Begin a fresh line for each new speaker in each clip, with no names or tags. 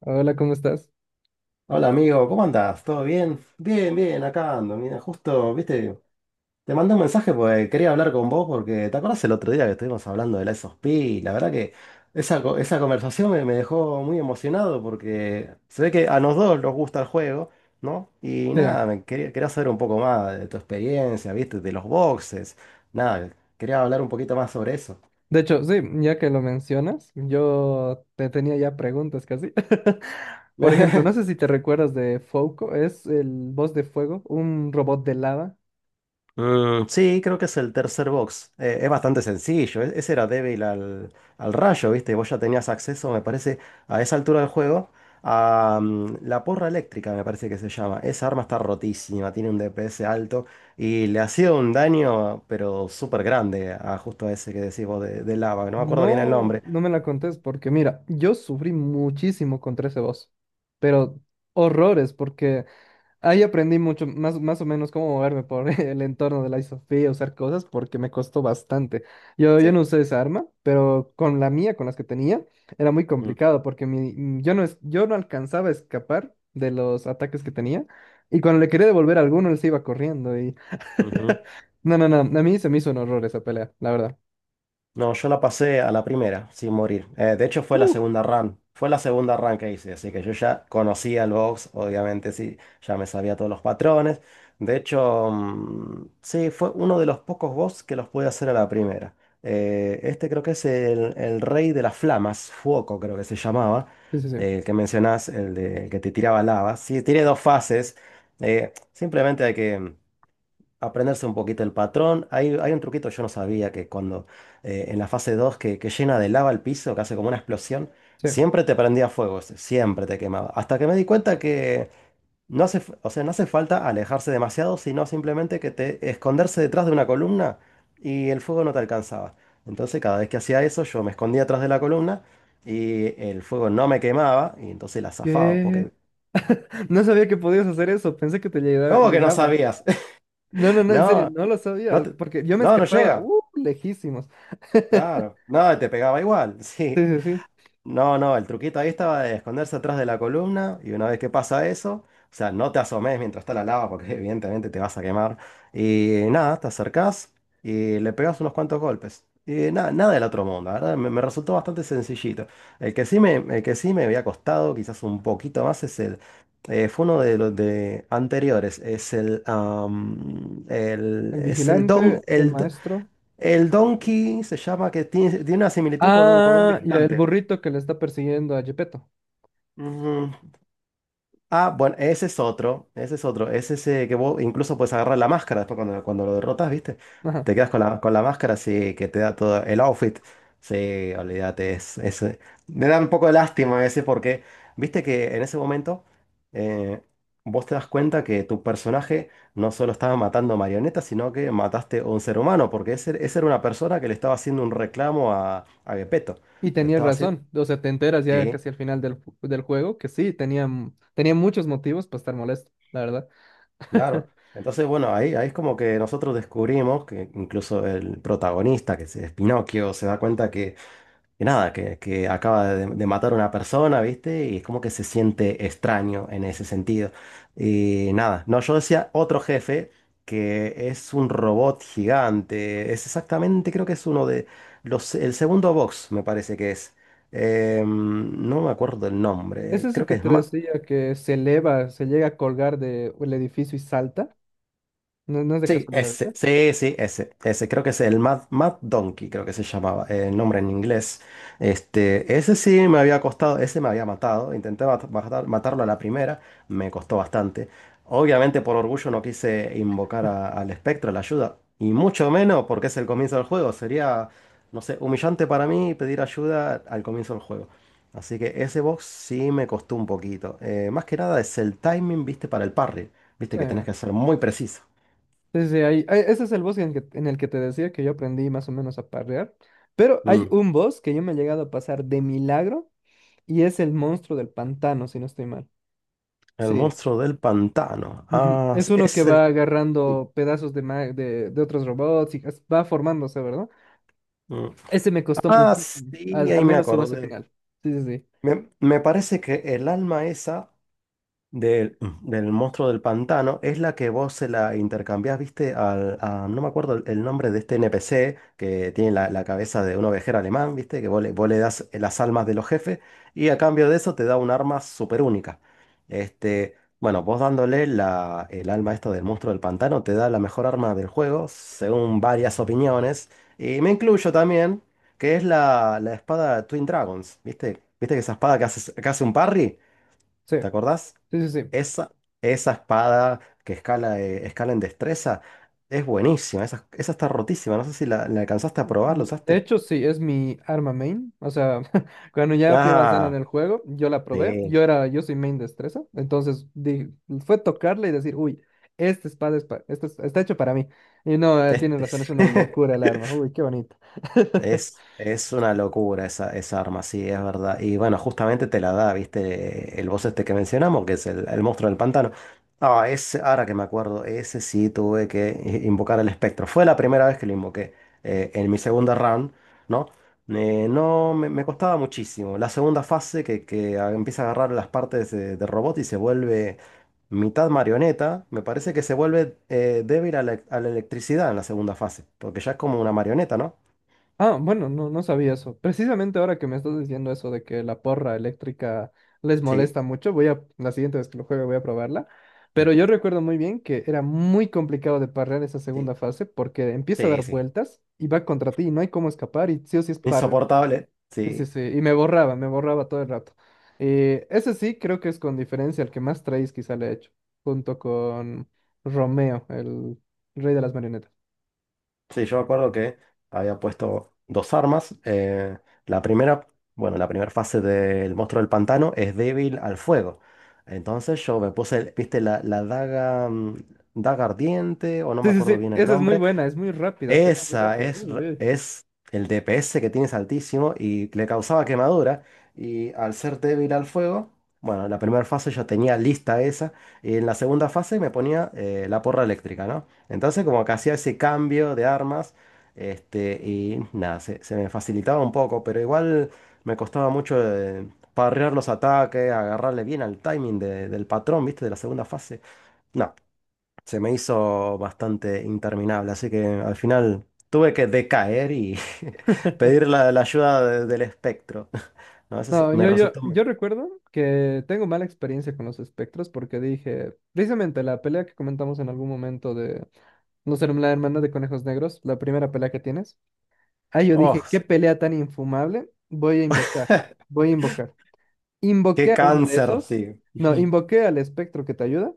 Hola, ¿cómo estás?
Hola amigo, ¿cómo andás? ¿Todo bien? Bien, acá ando. Mira, justo, viste, te mandé un mensaje porque quería hablar con vos porque te acordás el otro día que estuvimos hablando de la SOSP. La verdad que esa conversación me dejó muy emocionado porque se ve que a los dos nos gusta el juego, ¿no? Y
Sí,
nada, quería saber un poco más de tu experiencia, viste, de los boxes. Nada, quería hablar un poquito más sobre eso.
de hecho, sí, ya que lo mencionas, yo te tenía ya preguntas casi. Por ejemplo, no sé si te recuerdas de Fouco, es el boss de fuego, un robot de lava.
Sí, creo que es el tercer box. Es bastante sencillo. Ese era débil al rayo, ¿viste? Vos ya tenías acceso, me parece, a esa altura del juego, a la porra eléctrica, me parece que se llama. Esa arma está rotísima, tiene un DPS alto y le hacía un daño, pero súper grande, a justo ese que decís vos de lava. No me acuerdo bien el
No,
nombre.
no me la contés porque mira, yo sufrí muchísimo contra ese boss, pero horrores porque ahí aprendí mucho, más o menos cómo moverme por el entorno de la Sofía, usar cosas, porque me costó bastante. Yo
Sí.
no usé esa arma, pero con la mía, con las que tenía, era muy
Mm,
complicado, porque yo no alcanzaba a escapar de los ataques que tenía, y cuando le quería devolver a alguno, él se iba corriendo, y...
ujú.
No, no, no, a mí se me hizo un horror esa pelea, la verdad.
No, yo la pasé a la primera, sin morir. De hecho, fue la
Uh,
segunda run. Fue la segunda run que hice, así que yo ya conocía el box, obviamente sí, ya me sabía todos los patrones. De hecho, sí, fue uno de los pocos boss que los pude hacer a la primera. Este creo que es el rey de las flamas, Fuoco creo que se llamaba,
Sí, sí, sí.
el que mencionás, el que te tiraba lava. Sí, tiene dos fases. Simplemente hay que aprenderse un poquito el patrón. Hay un truquito, yo no sabía que cuando en la fase 2 que llena de lava el piso, que hace como una explosión,
Sí.
siempre te prendía fuego, ese, siempre te quemaba. Hasta que me di cuenta que no hace, f- o sea, no hace falta alejarse demasiado, sino simplemente que te esconderse detrás de una columna y el fuego no te alcanzaba. Entonces cada vez que hacía eso, yo me escondía atrás de la columna y el fuego no me quemaba y entonces la zafaba,
¿Qué?
porque...
No sabía que podías hacer eso, pensé que te
¿Cómo que no
llegaba.
sabías?
No, no, no, en serio,
No,
no lo
no
sabía,
te-
porque yo me
no, no
escapaba,
llega.
lejísimos.
Claro, no, y te pegaba igual,
Sí,
sí.
sí, sí.
No, no, el truquito ahí estaba de esconderse atrás de la columna y una vez que pasa eso, o sea, no te asomes mientras está la lava porque evidentemente te vas a quemar. Y nada, te acercás y le pegas unos cuantos golpes. Y nada, nada del otro mundo, la ¿verdad? Me resultó bastante sencillito. El que sí me había costado quizás un poquito más es el... Fue uno de los de anteriores, es
El
es el don,
vigilante, el maestro.
el donkey se llama que tiene una similitud con con un
Ah, y el
vigilante.
burrito que le está persiguiendo a Gepetto.
Ujú. Ah, bueno, ese es otro, ese es ese que vos incluso puedes agarrar la máscara después cuando lo derrotas, ¿viste?
Ajá.
Te quedas con con la máscara, así que te da todo el outfit. Sí, olvídate, es. Me da un poco de lástima ese porque, viste que en ese momento eh, vos te das cuenta que tu personaje no solo estaba matando marionetas, sino que mataste a un ser humano, porque ese era una persona que le estaba haciendo un reclamo a Gepetto.
Y
Le
tenías
estaba haciendo...
razón. O sea, te enteras ya casi al final del juego que sí, tenía muchos motivos para estar molesto, la verdad.
Claro. Entonces, bueno, ahí es como que nosotros descubrimos que incluso el protagonista, que es Pinocchio, se da cuenta que nada, que acaba de matar a una persona, ¿viste? Y es como que se siente extraño en ese sentido. Y nada, no, yo decía otro jefe que es un robot gigante. Es exactamente, creo que es uno de el segundo box, me parece que es. Em, no me acuerdo el
¿Es
nombre.
ese
Creo que
que
es
te
más.
decía que se eleva, se llega a colgar de el edificio y salta? No, no es de
Sí,
casualidad, ¿sí?
ese, sí, sí, ese, creo que es el Mad Donkey, creo que se llamaba, el nombre en inglés. Este, ese sí me había costado, ese me había matado, intenté matarlo a la primera, me costó bastante. Obviamente por orgullo no quise invocar al espectro, la ayuda, y mucho menos porque es el comienzo del juego, sería, no sé, humillante para mí pedir ayuda al comienzo del juego. Así que ese box sí me costó un poquito. Más que nada es el timing, viste, para el parry, viste que tenés
Sí.
que ser muy preciso.
Sí, sí, ese es el boss en el que te decía que yo aprendí más o menos a parrear. Pero hay
Mm.
un boss que yo me he llegado a pasar de milagro y es el monstruo del pantano, si no estoy mal.
El
Sí.
monstruo del pantano.
Ujú,
Ah,
es
sí,
uno que
es
va
el... sí.
agarrando pedazos de otros robots y va formándose, ¿verdad?
Mm.
Ese me costó
Ah,
muchísimo,
sí, ahí me
menos su base
acordé.
final. Sí, sí, sí.
Me parece que el alma esa del monstruo del pantano es la que vos se la intercambiás, viste, no me acuerdo el nombre de este NPC que tiene la cabeza de un ovejero alemán, viste, que vos le das las almas de los jefes y a cambio de eso te da un arma súper única. Este, bueno, vos dándole el alma esta del monstruo del pantano te da la mejor arma del juego, según varias opiniones, y me incluyo también, que es la espada Twin Dragons, viste, viste que esa espada que hace un parry.
Sí,
¿Te acordás?
sí, sí. Sí.
Esa, esa espada que escala, escala en destreza es buenísima. Esa está rotísima. No sé si la alcanzaste a probar, ¿la
De
usaste?
hecho, sí, es mi arma main. O sea, cuando ya fui avanzando en
Ah,
el juego, yo la probé.
sí.
Yo era, yo soy main destreza. Entonces fue tocarla y decir, uy, esta espada es pa- esta es- está hecho para mí. Y no, tienes
Este,
razón, es
sí.
una locura el arma. Uy, qué bonito.
Es una locura esa arma, sí, es verdad. Y bueno, justamente te la da, ¿viste? El boss este que mencionamos, que es el monstruo del pantano. Ah, ese, ahora que me acuerdo, ese sí tuve que invocar el espectro. Fue la primera vez que lo invoqué en mi segunda round, ¿no? Me costaba muchísimo. La segunda fase que empieza a agarrar las partes de robot y se vuelve mitad marioneta, me parece que se vuelve débil a a la electricidad en la segunda fase, porque ya es como una marioneta, ¿no?
Ah, bueno, no, no sabía eso. Precisamente ahora que me estás diciendo eso de que la porra eléctrica les
Sí.
molesta mucho, la siguiente vez que lo juegue voy a probarla. Pero yo recuerdo muy bien que era muy complicado de parrear esa segunda
Sí,
fase porque empieza a dar
sí, sí.
vueltas y va contra ti y no hay cómo escapar y sí o sí es parrear.
Insoportable.
Sí, sí,
Sí,
sí. Y me borraba todo el rato. Ese sí creo que es con diferencia el que más traes quizá le he hecho, junto con Romeo, el rey de las marionetas.
sí, yo me acuerdo que había puesto dos armas. La primera, bueno, la primera fase del monstruo del pantano es débil al fuego. Entonces yo me puse, viste, la daga ardiente, o no
Sí,
me
sí,
acuerdo
sí,
bien el
esa es muy
nombre,
buena, es muy rápida, pega muy rápida. Uy, uy.
Es el DPS que tienes altísimo y le causaba quemadura. Y al ser débil al fuego, bueno, en la primera fase yo tenía lista esa. Y en la segunda fase me ponía la porra eléctrica, ¿no? Entonces, como que hacía ese cambio de armas. Este, y nada, se me facilitaba un poco, pero igual me costaba mucho parrear los ataques, agarrarle bien al timing del patrón, ¿viste? De la segunda fase. No se me hizo bastante interminable, así que al final tuve que decaer y pedir la ayuda del espectro. A veces
No,
me
yo, yo,
resultó... muy-
yo recuerdo que tengo mala experiencia con los espectros porque dije, precisamente la pelea que comentamos en algún momento de no ser la hermana de conejos negros, la primera pelea que tienes. Ah, yo
¡Oh!
dije, qué
sí.
pelea tan infumable, voy a invocar.
¡Qué
Invoqué a uno de
cáncer! Sí.
esos, no, invoqué al espectro que te ayuda,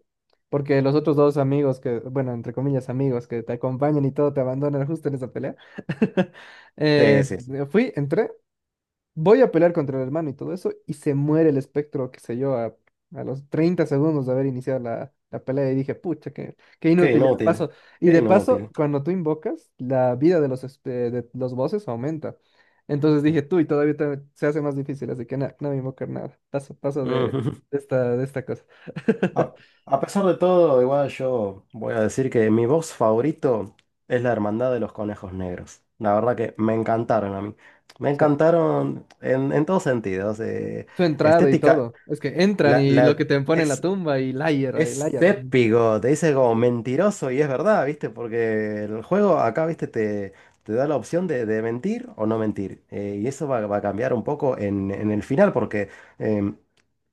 porque los otros dos amigos que, bueno, entre comillas amigos que te acompañan y todo te abandonan justo en esa pelea. Eh,
Sí, sí, sí.
Fui, entré. Voy a pelear contra el hermano y todo eso, y se muere el espectro, qué sé yo, a, los 30 segundos de haber iniciado la, la pelea y dije, pucha, qué
Qué
inútil, ya la
inútil.
paso. Y
Qué
de paso,
inútil.
cuando tú invocas, la vida de de los bosses aumenta. Entonces dije, tú, y todavía se hace más difícil, así que nada, no voy a invocar nada. Paso, paso de,
Ujú.
de esta, de esta cosa.
A, a pesar de todo, igual yo voy a decir que mi box favorito es la Hermandad de los Conejos Negros. La verdad que me encantaron a mí. Me
O sea,
encantaron en todos sentidos.
su entrada y
Estética.
todo. Es que entran
La,
y lo
la,
que te ponen en la
es,
tumba y liar, y
es
liar.
épico, te dice como mentiroso y es verdad, ¿viste? Porque el juego acá, ¿viste? Te da la opción de mentir o no mentir. Va a cambiar un poco en el final, porque em,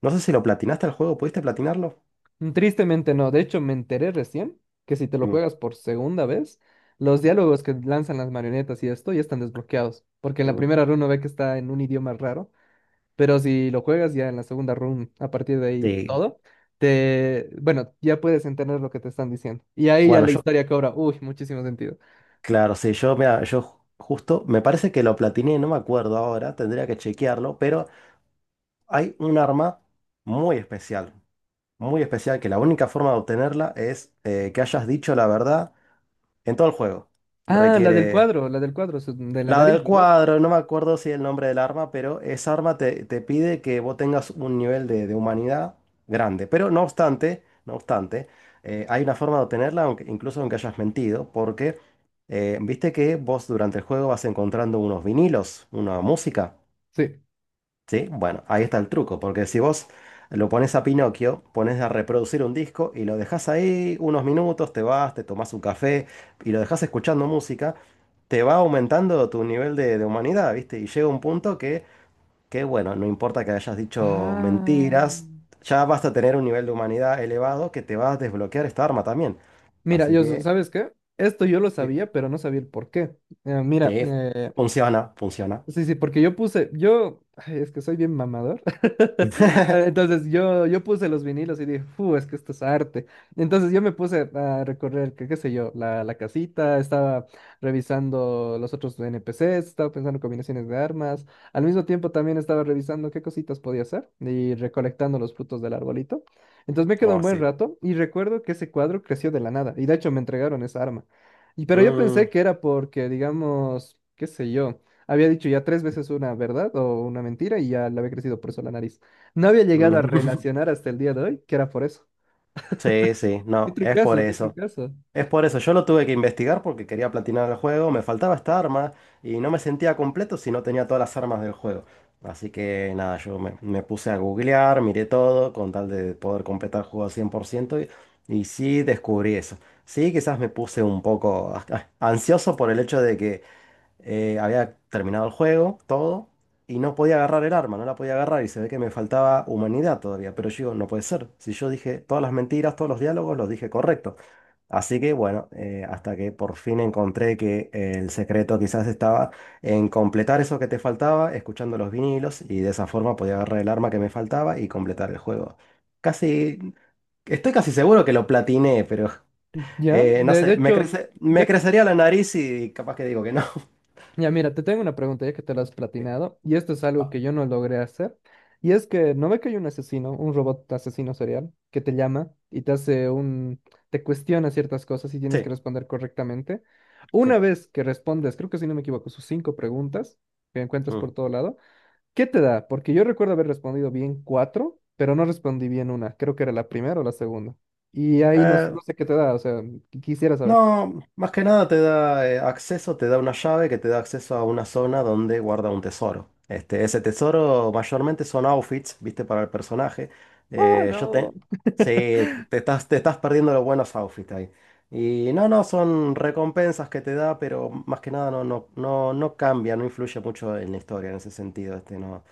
no sé si lo platinaste el juego, ¿pudiste platinarlo?
Tristemente no, de hecho me enteré recién que si te lo
Mm,
juegas por segunda vez, los diálogos que lanzan las marionetas y esto ya están desbloqueados, porque en la
mm,
primera run uno ve que está en un idioma raro, pero si lo juegas ya en la segunda run, a partir de ahí
Sí.
todo, te, bueno, ya puedes entender lo que te están diciendo. Y ahí ya
Bueno,
la
yo,
historia cobra, uy, muchísimo sentido.
claro, sí, yo, mira, justo, me parece que lo platiné, no me acuerdo ahora, tendría que chequearlo, pero hay un arma muy especial. Muy especial que la única forma de obtenerla es que hayas dicho la verdad en todo el juego.
Ah,
Requiere
la del cuadro, de la
la
nariz,
del
¿verdad?
cuadro, no me acuerdo si el nombre del arma, pero te pide que vos tengas un nivel de humanidad grande. Pero no obstante, hay una forma de obtenerla, incluso aunque hayas mentido, porque viste que vos durante el juego vas encontrando unos vinilos, una música.
Sí.
¿Sí? Bueno, ahí está el truco, porque si vos lo pones a Pinocchio, pones a reproducir un disco y lo dejas ahí unos minutos, te vas, te tomás un café y lo dejas escuchando música, te va aumentando tu nivel de humanidad, ¿viste? Y llega un punto que, bueno, no importa que hayas dicho
Ah.
mentiras, ya vas a tener un nivel de humanidad elevado que te va a desbloquear esta arma también.
Mira,
Así que,
¿sabes qué? Esto yo lo
Sí.
sabía, pero no sabía el por qué. Mira,
sí, funciona, funciona.
sí, sí, porque yo puse, yo, ay, es que soy bien mamador. Ah, entonces yo puse los vinilos y dije, ¡fu! Es que esto es arte. Entonces yo me puse a recorrer, qué sé yo, la casita, estaba revisando los otros NPCs, estaba pensando en combinaciones de armas. Al mismo tiempo también estaba revisando qué cositas podía hacer y recolectando los frutos del arbolito. Entonces me quedó un
Oh,
buen
sí.
rato y recuerdo que ese cuadro creció de la nada y de hecho me entregaron esa arma. Y, pero yo pensé
Mm.
que era porque, digamos, qué sé yo. Había dicho ya tres veces una verdad o una mentira y ya le había crecido por eso la nariz. No había llegado a
mm.
relacionar hasta el día de hoy que era por eso.
Sí, sí,
Qué
no, es por
trucazo, qué
eso.
trucazo.
Es por eso, yo lo tuve que investigar porque quería platinar el juego, me faltaba esta arma y no me sentía completo si no tenía todas las armas del juego. Así que nada, me puse a googlear, miré todo con tal de poder completar el juego al 100% y sí descubrí eso. Sí, quizás me puse un poco ah, ansioso por el hecho de que había terminado el juego, todo, y no podía agarrar el arma, no la podía agarrar y se ve que me faltaba humanidad todavía. Pero yo digo, no puede ser. Si yo dije todas las mentiras, todos los diálogos, los dije correctos. Así que bueno, hasta que por fin encontré que el secreto quizás estaba en completar eso que te faltaba, escuchando los vinilos, y de esa forma podía agarrar el arma que me faltaba y completar el juego. Casi, Estoy casi seguro que lo platiné, pero...
Ya,
no
de
sé,
hecho,
me
ya, que-
crecería la nariz y capaz que digo que no.
ya mira, te tengo una pregunta ya que te la has platinado y esto es algo que yo no logré hacer. Y es que no ve que hay un asesino, un robot asesino serial que te llama y te cuestiona ciertas cosas y tienes que
Sí.
responder correctamente. Una
Sí.
vez que respondes, creo que si no me equivoco, sus cinco preguntas que encuentras por
Mm.
todo lado. ¿Qué te da? Porque yo recuerdo haber respondido bien cuatro, pero no respondí bien una. Creo que era la primera o la segunda. Y ahí no,
Eh,
no sé qué te da, o sea, quisiera saber.
no, más que nada te da acceso, te da una llave que te da acceso a una zona donde guarda un tesoro. Este, ese tesoro mayormente son outfits, viste, para el personaje.
Ah,
Yo te...
no.
Sí, te estás perdiendo los buenos outfits ahí. Y no, no, son recompensas que te da, pero más que nada no cambia, no influye mucho en la historia en ese sentido. Este, no,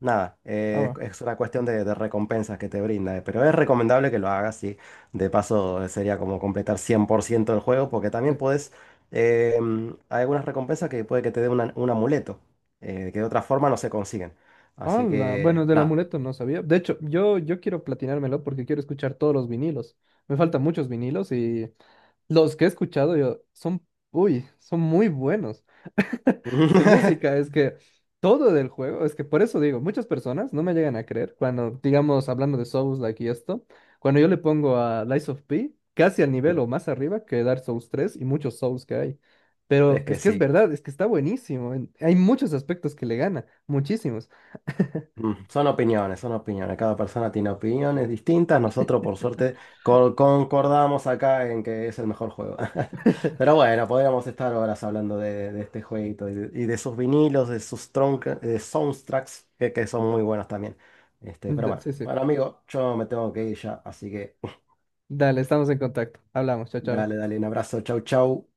nada,
Ah, va.
es una cuestión de recompensas que te brinda, pero es recomendable que lo hagas, sí. De paso, sería como completar 100% del juego, porque también
Sí.
puedes. eh, Hay algunas recompensas que puede que te dé un amuleto, que de otra forma no se consiguen. Así
Hola,
que,
bueno, del
nada.
amuleto no sabía. De hecho, yo quiero platinármelo porque quiero escuchar todos los vinilos. Me faltan muchos vinilos y los que he escuchado yo son, uy, son muy buenos. Su música es que todo del juego, es que por eso digo, muchas personas no me llegan a creer cuando, digamos, hablando de Souls-like y esto, cuando yo le pongo a Lies of P casi al nivel o más arriba que Dark Souls tres y muchos Souls que hay. Pero
Es
es
que
que es
sí.
verdad, es que está buenísimo. Hay muchos aspectos que le gana, muchísimos.
Son opiniones, son opiniones. Cada persona tiene opiniones distintas. Nosotros, por suerte, concordamos acá en que es el mejor juego. Pero bueno, podríamos estar horas hablando de este jueguito y de sus vinilos, de sus de soundtracks, que son muy buenos también. Este,
Sí, sí.
bueno, amigo, yo me tengo que ir ya, así que
Dale, estamos en contacto. Hablamos, chao, chao.
dale, dale, un abrazo, chau, chau.